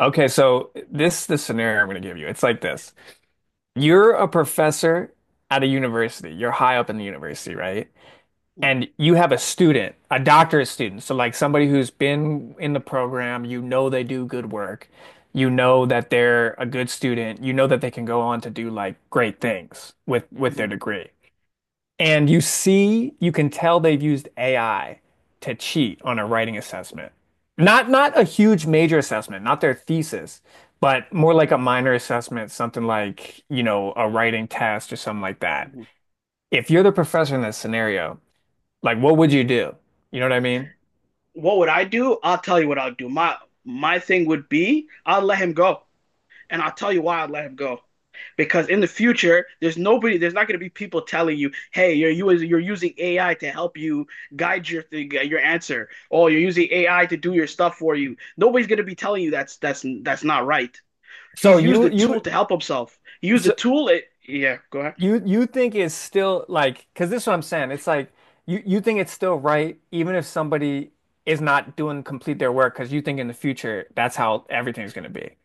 Okay, so this scenario I'm going to give you. It's like this. You're a professor at a university. You're high up in the university, right? And you have a student, a doctorate student. So like somebody who's been in the program, you know they do good work. You know that they're a good student. You know that they can go on to do like great things with their Mm-hmm. degree. And you see, you can tell they've used AI to cheat on a writing assessment. Not a huge major assessment, not their thesis, but more like a minor assessment, something like, you know, a writing test or something like that. If you're the professor in this scenario, like what would you do? You know what I mean? What would I do? I'll tell you what I'll do. My thing would be I'll let him go. And I'll tell you why I'd let him go. Because in the future, there's not going to be people telling you, "Hey, you're using AI to help you guide your thing, your answer. Oh, you're using AI to do your stuff for you." Nobody's going to be telling you that's not right. So He's used you the you tool to help himself. He used the so tool. It, yeah, go ahead. you think it's still like because this is what I'm saying. It's like you think it's still right even if somebody is not doing complete their work because you think in the future that's how everything's going to be.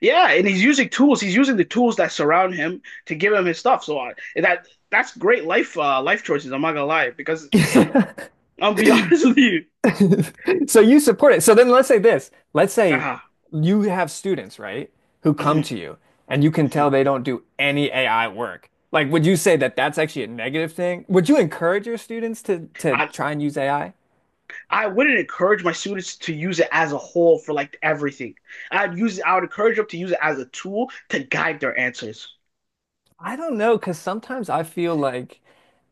Yeah, and he's using tools. He's using the tools that surround him to give him his stuff. That's great life life choices. I'm not gonna lie because I'll be honest with you. So you support it. So then let's say this. Let's say Uh, you have students, right, who come mhm, to you and you can mhm. tell they don't do any AI work. Like, would you say that that's actually a negative thing? Would you encourage your students to I try and use AI? I wouldn't encourage my students to use it as a whole for like everything. I would encourage them to use it as a tool to guide their answers. I don't know, because sometimes I feel like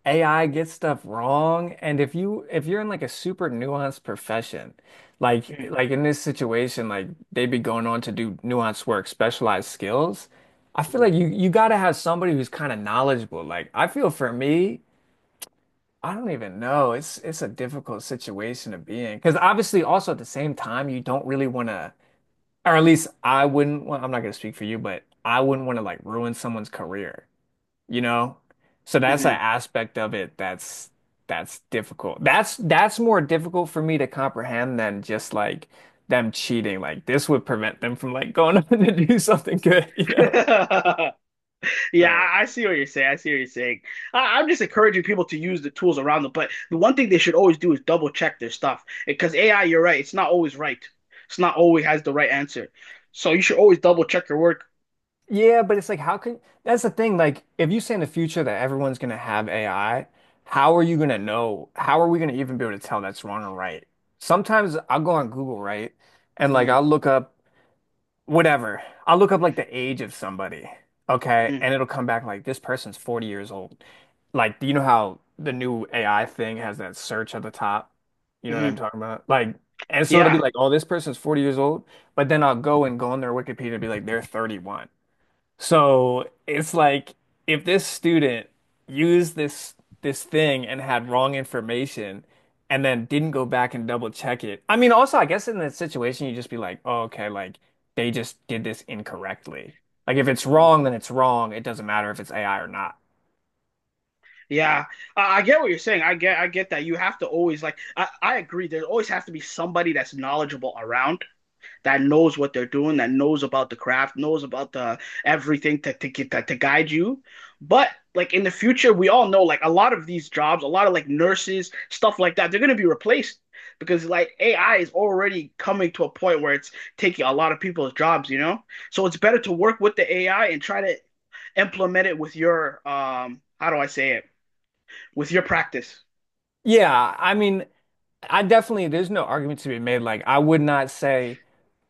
AI gets stuff wrong, and if you're in like a super nuanced profession, like Mhm, like in this situation, like they'd be going on to do nuanced work, specialized skills. I feel mhm, like you got to have somebody who's kind of knowledgeable. Like I feel for me, I don't even know. It's a difficult situation to be in because obviously also at the same time you don't really want to, or at least I wouldn't want. I'm not going to speak for you, but I wouldn't want to like ruin someone's career, you know? So that's an mhm. aspect of it that's difficult. That's more difficult for me to comprehend than just like them cheating. Like this would prevent them from like going up to do something good, you know? Yeah, So I see what you're saying. I see what you're saying. I'm just encouraging people to use the tools around them, but the one thing they should always do is double check their stuff because AI, you're right, it's not always right. It's not always has the right answer. So you should always double check your work. yeah, but it's like how can that's the thing. Like if you say in the future that everyone's gonna have AI, how are you gonna know? How are we gonna even be able to tell that's wrong or right? Sometimes I'll go on Google, right? And like Mhm, I'll look up whatever. I'll look up like the age of somebody, okay? mhm, And it'll come back like this person's 40 years old. Like, do you know how the new AI thing has that search at the top? You know what I'm mhm. talking about? Like, and so it'll be Yeah. like, oh, this person's 40 years old, but then I'll go and go on their Wikipedia and be like, they're 31. So it's like if this student used this thing and had wrong information and then didn't go back and double check it. I mean, also I guess in that situation you just be like, oh, okay, like they just did this incorrectly. Like if it's Mhm. wrong, then it's wrong. It doesn't matter if it's AI or not. Yeah, I get what you're saying. I get that you have to always like. I agree. There always has to be somebody that's knowledgeable around that knows what they're doing, that knows about the craft, knows about the everything to guide you. But like in the future, we all know like a lot of these jobs, a lot of like nurses, stuff like that, they're gonna be replaced because like AI is already coming to a point where it's taking a lot of people's jobs, you know? So it's better to work with the AI and try to implement it with your how do I say it? With your practice. Yeah, I mean, I definitely, there's no argument to be made. Like, I would not say,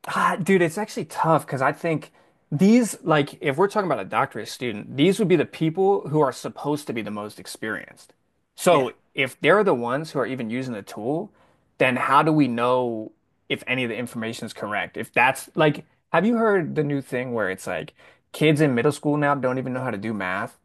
ah, dude, it's actually tough because I think these, like, if we're talking about a doctorate student, these would be the people who are supposed to be the most experienced. Yeah. So if they're the ones who are even using the tool, then how do we know if any of the information is correct? If that's like, have you heard the new thing where it's like kids in middle school now don't even know how to do math?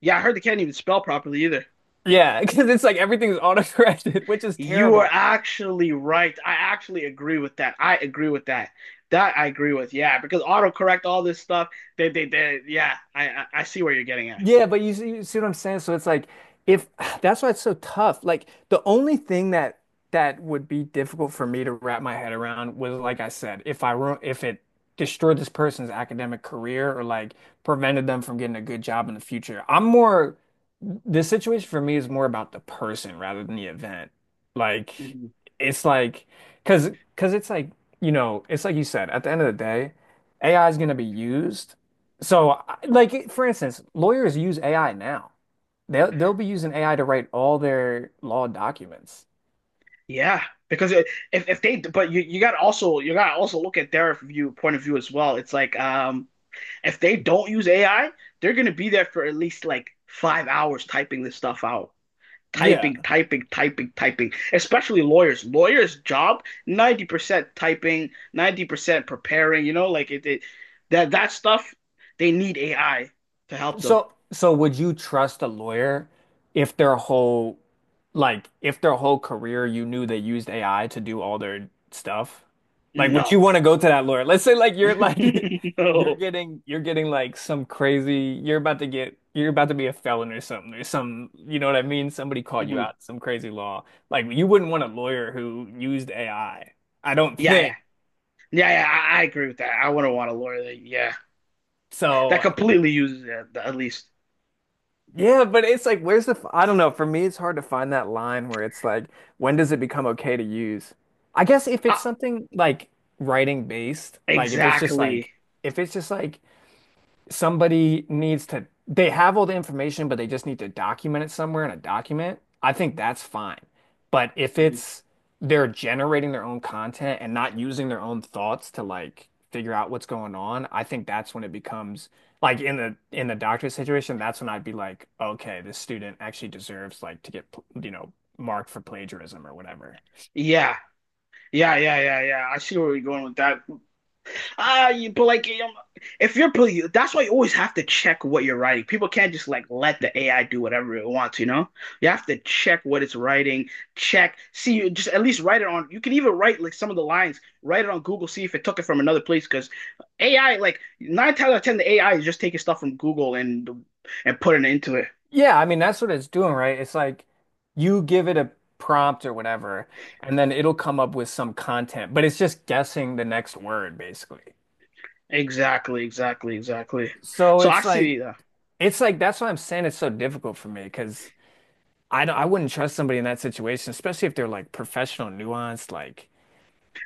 Yeah, I heard they can't even spell properly either. Yeah, because it's like everything's autocorrected, which is You are terrible. actually right. I actually agree with that. I agree with that. That I agree with. Yeah, because autocorrect all this stuff. They they. Yeah, I see where you're getting at. Yeah, but you see what I'm saying? So it's like if that's why it's so tough. Like the only thing that would be difficult for me to wrap my head around was like I said, if I ru- if it destroyed this person's academic career or like prevented them from getting a good job in the future. I'm more, the situation for me is more about the person rather than the event. Like Mhm. it's like because it's like, you know, it's like you said at the end of the day, AI is going to be used. So, I- like for instance, lawyers use AI now. They'll be using AI to write all their law documents. Yeah, because it, if they but you got also you got to also look at their view point of view as well. It's like if they don't use AI, they're gonna be there for at least like five hours typing this stuff out. Yeah. Typing, typing, typing, typing, especially lawyers. Lawyers' job, 90% typing, 90% preparing, you know, it that that stuff, they need AI to help them. So, so would you trust a lawyer if their whole, like, if their whole career you knew they used AI to do all their stuff? Like, would No. you want to go to that lawyer? Let's say, like, you're like, No. You're getting like some crazy, you're about to get, you're about to be a felon or something, or some, you know what I mean? Somebody caught you Hmm. out, some crazy law. Like, you wouldn't want a lawyer who used AI. I don't Yeah, yeah. think. Yeah, yeah, I agree with that. I wouldn't want a lawyer that, yeah, that So, completely uses it, at least. yeah, but it's like, where's the, f- I don't know. For me, it's hard to find that line where it's like, when does it become okay to use? I guess if it's Ah, something like writing based, like if it's just like, exactly. if it's just like, somebody needs to, they have all the information but they just need to document it somewhere in a document, I think that's fine, but if Mhm. it's they're generating their own content and not using their own thoughts to like figure out what's going on, I think that's when it becomes like in the doctor situation, that's when I'd be like, okay, this student actually deserves like to get, you know, marked for plagiarism or whatever. Yeah, yeah, yeah, yeah, yeah. I see where we're going with that. You but like if you're that's why you always have to check what you're writing. People can't just like let the AI do whatever it wants, you know? You have to check what it's writing, check, see, you just at least write it on. You can even write like some of the lines, write it on Google, see if it took it from another place. Because AI, like nine times out of ten, the AI is just taking stuff from Google and putting it into it. Yeah, I mean that's what it's doing, right? It's like you give it a prompt or whatever, and then it'll come up with some content, but it's just guessing the next word basically. Exactly, exactly, exactly. So So I see that. it's like that's why I'm saying it's so difficult for me because I don't, I wouldn't trust somebody in that situation, especially if they're like professional, nuanced, like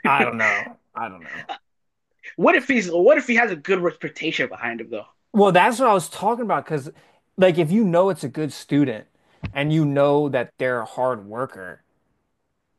I don't know. I don't know. What if he has a good reputation behind him though? Well, that's what I was talking about because like if you know it's a good student and you know that they're a hard worker.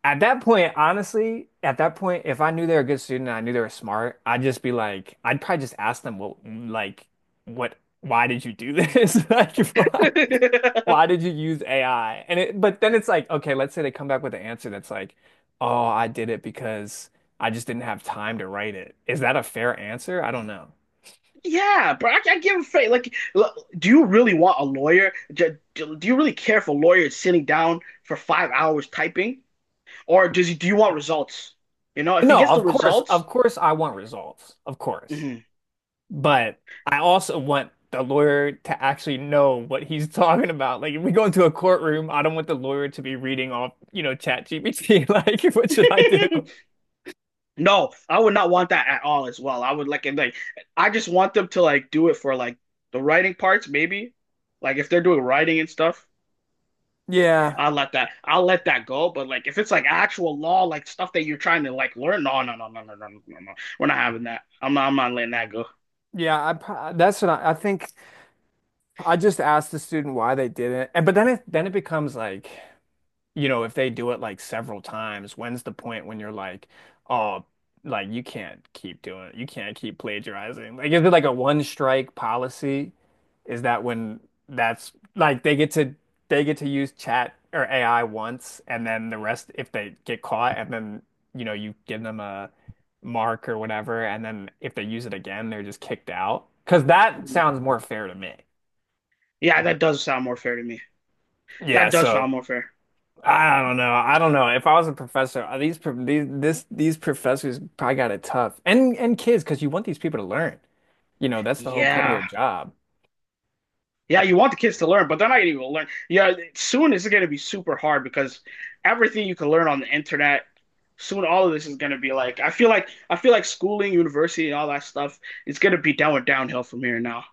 At that point, honestly, at that point, if I knew they were a good student and I knew they were smart, I'd just be like, I'd probably just ask them, well, like, what, why did you do this? Like, why did you use AI? And it, but then it's like, okay, let's say they come back with an answer that's like, oh, I did it because I just didn't have time to write it. Is that a fair answer? I don't know. Yeah, I give a fake. Like, look, do you really want a lawyer? Do you really care if a lawyer is sitting down for five hours typing, do you want results? You know, if he No, gets the results, of course, I want results. Of course. mhm. But I also want the lawyer to actually know what he's talking about. Like if we go into a courtroom, I don't want the lawyer to be reading off, you know, ChatGPT. Like, what should I do? No, I would not want that at all. As well, I would like and like. I just want them to like do it for like the writing parts, maybe. Like if they're doing writing and stuff. Yeah. I'll let that go. But like if it's like actual law, like stuff that you're trying to like learn, no, no, no, no, no, no, no, no. We're not having that. I'm not letting that go. Yeah, I pro- that's what I think I just asked the student why they did it. And but then it, then it becomes like, you know, if they do it like several times, when's the point when you're like, oh, like you can't keep doing it. You can't keep plagiarizing. Like, is it like a one strike policy? Is that when that's like they get to use chat or AI once and then the rest if they get caught and then you know you give them a mark or whatever and then if they use it again they're just kicked out. Because that Mhm. sounds more fair to me. Yeah, that does sound more fair to me. Yeah, That does so sound more fair. I don't know. I don't know. If I was a professor, these pro- these professors probably got it tough, and kids, because you want these people to learn. You know, that's the whole point of Yeah. your job. Yeah, you want the kids to learn, but they're not even gonna learn. Yeah, soon it's gonna be super hard because everything you can learn on the internet, soon all of this is gonna be like I feel like schooling, university, and all that stuff, it's gonna be down downhill from here now.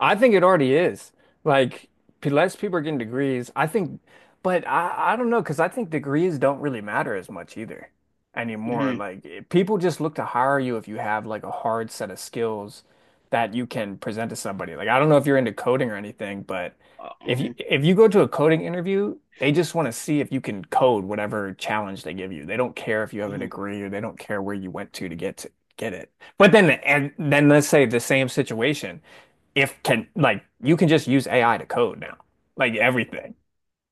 I think it already is. Like p- less people are getting degrees. I think, but I don't know because I think degrees don't really matter as much either anymore. Hmm. Like it- people just look to hire you if you have like a hard set of skills that you can present to somebody. Like I don't know if you're into coding or anything, but if you Mhm. if you go to a coding interview, they just want to see if you can code whatever challenge they give you. They don't care if you have a Mhm. degree or they don't care where you went to get to get it. But then and then let's say the same situation, if can, like you can just use AI to code now. Like everything.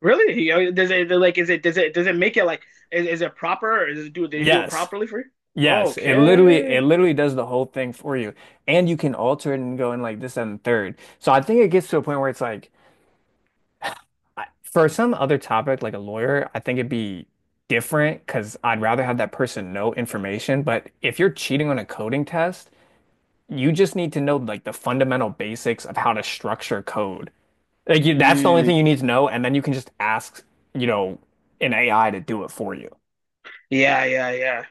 Really? Oh, does it like is it does it make it like is it proper or is it do they do it Yes. properly for you? Yes. It literally, it Okay. literally does the whole thing for you. And you can alter it and go in like this and the third. So I think it gets to a point where it's like I- for some other topic like a lawyer, I think it'd be different because I'd rather have that person know information. But if you're cheating on a coding test, you just need to know like the fundamental basics of how to structure code. Like you, that's the only Mm, thing you need to know, and then you can just ask, you know, an AI to do it for you. yeah, yeah, yeah.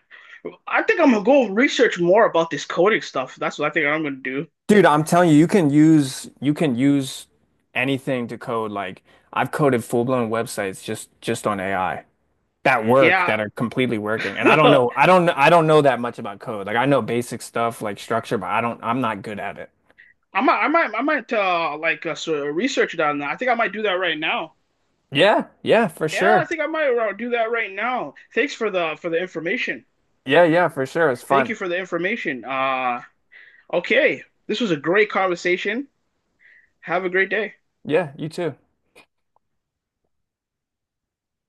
I think I'm gonna go research more about this coding stuff. That's what I think I'm gonna do. Dude, I'm telling you, you can use anything to code. Like I've coded full-blown websites just on AI that work Yeah. that are completely working. And I don't know, I don't, I don't know that much about code. Like I know basic stuff like structure, but I don't, I'm not good at it. I might sort of research that I think I might do that right now. Yeah, yeah, for Yeah, I sure. think I might do that right now. Thanks for the information. Yeah, yeah, for sure. It's Thank you fun. for the information. Okay. This was a great conversation. Have a great day. Yeah, you too.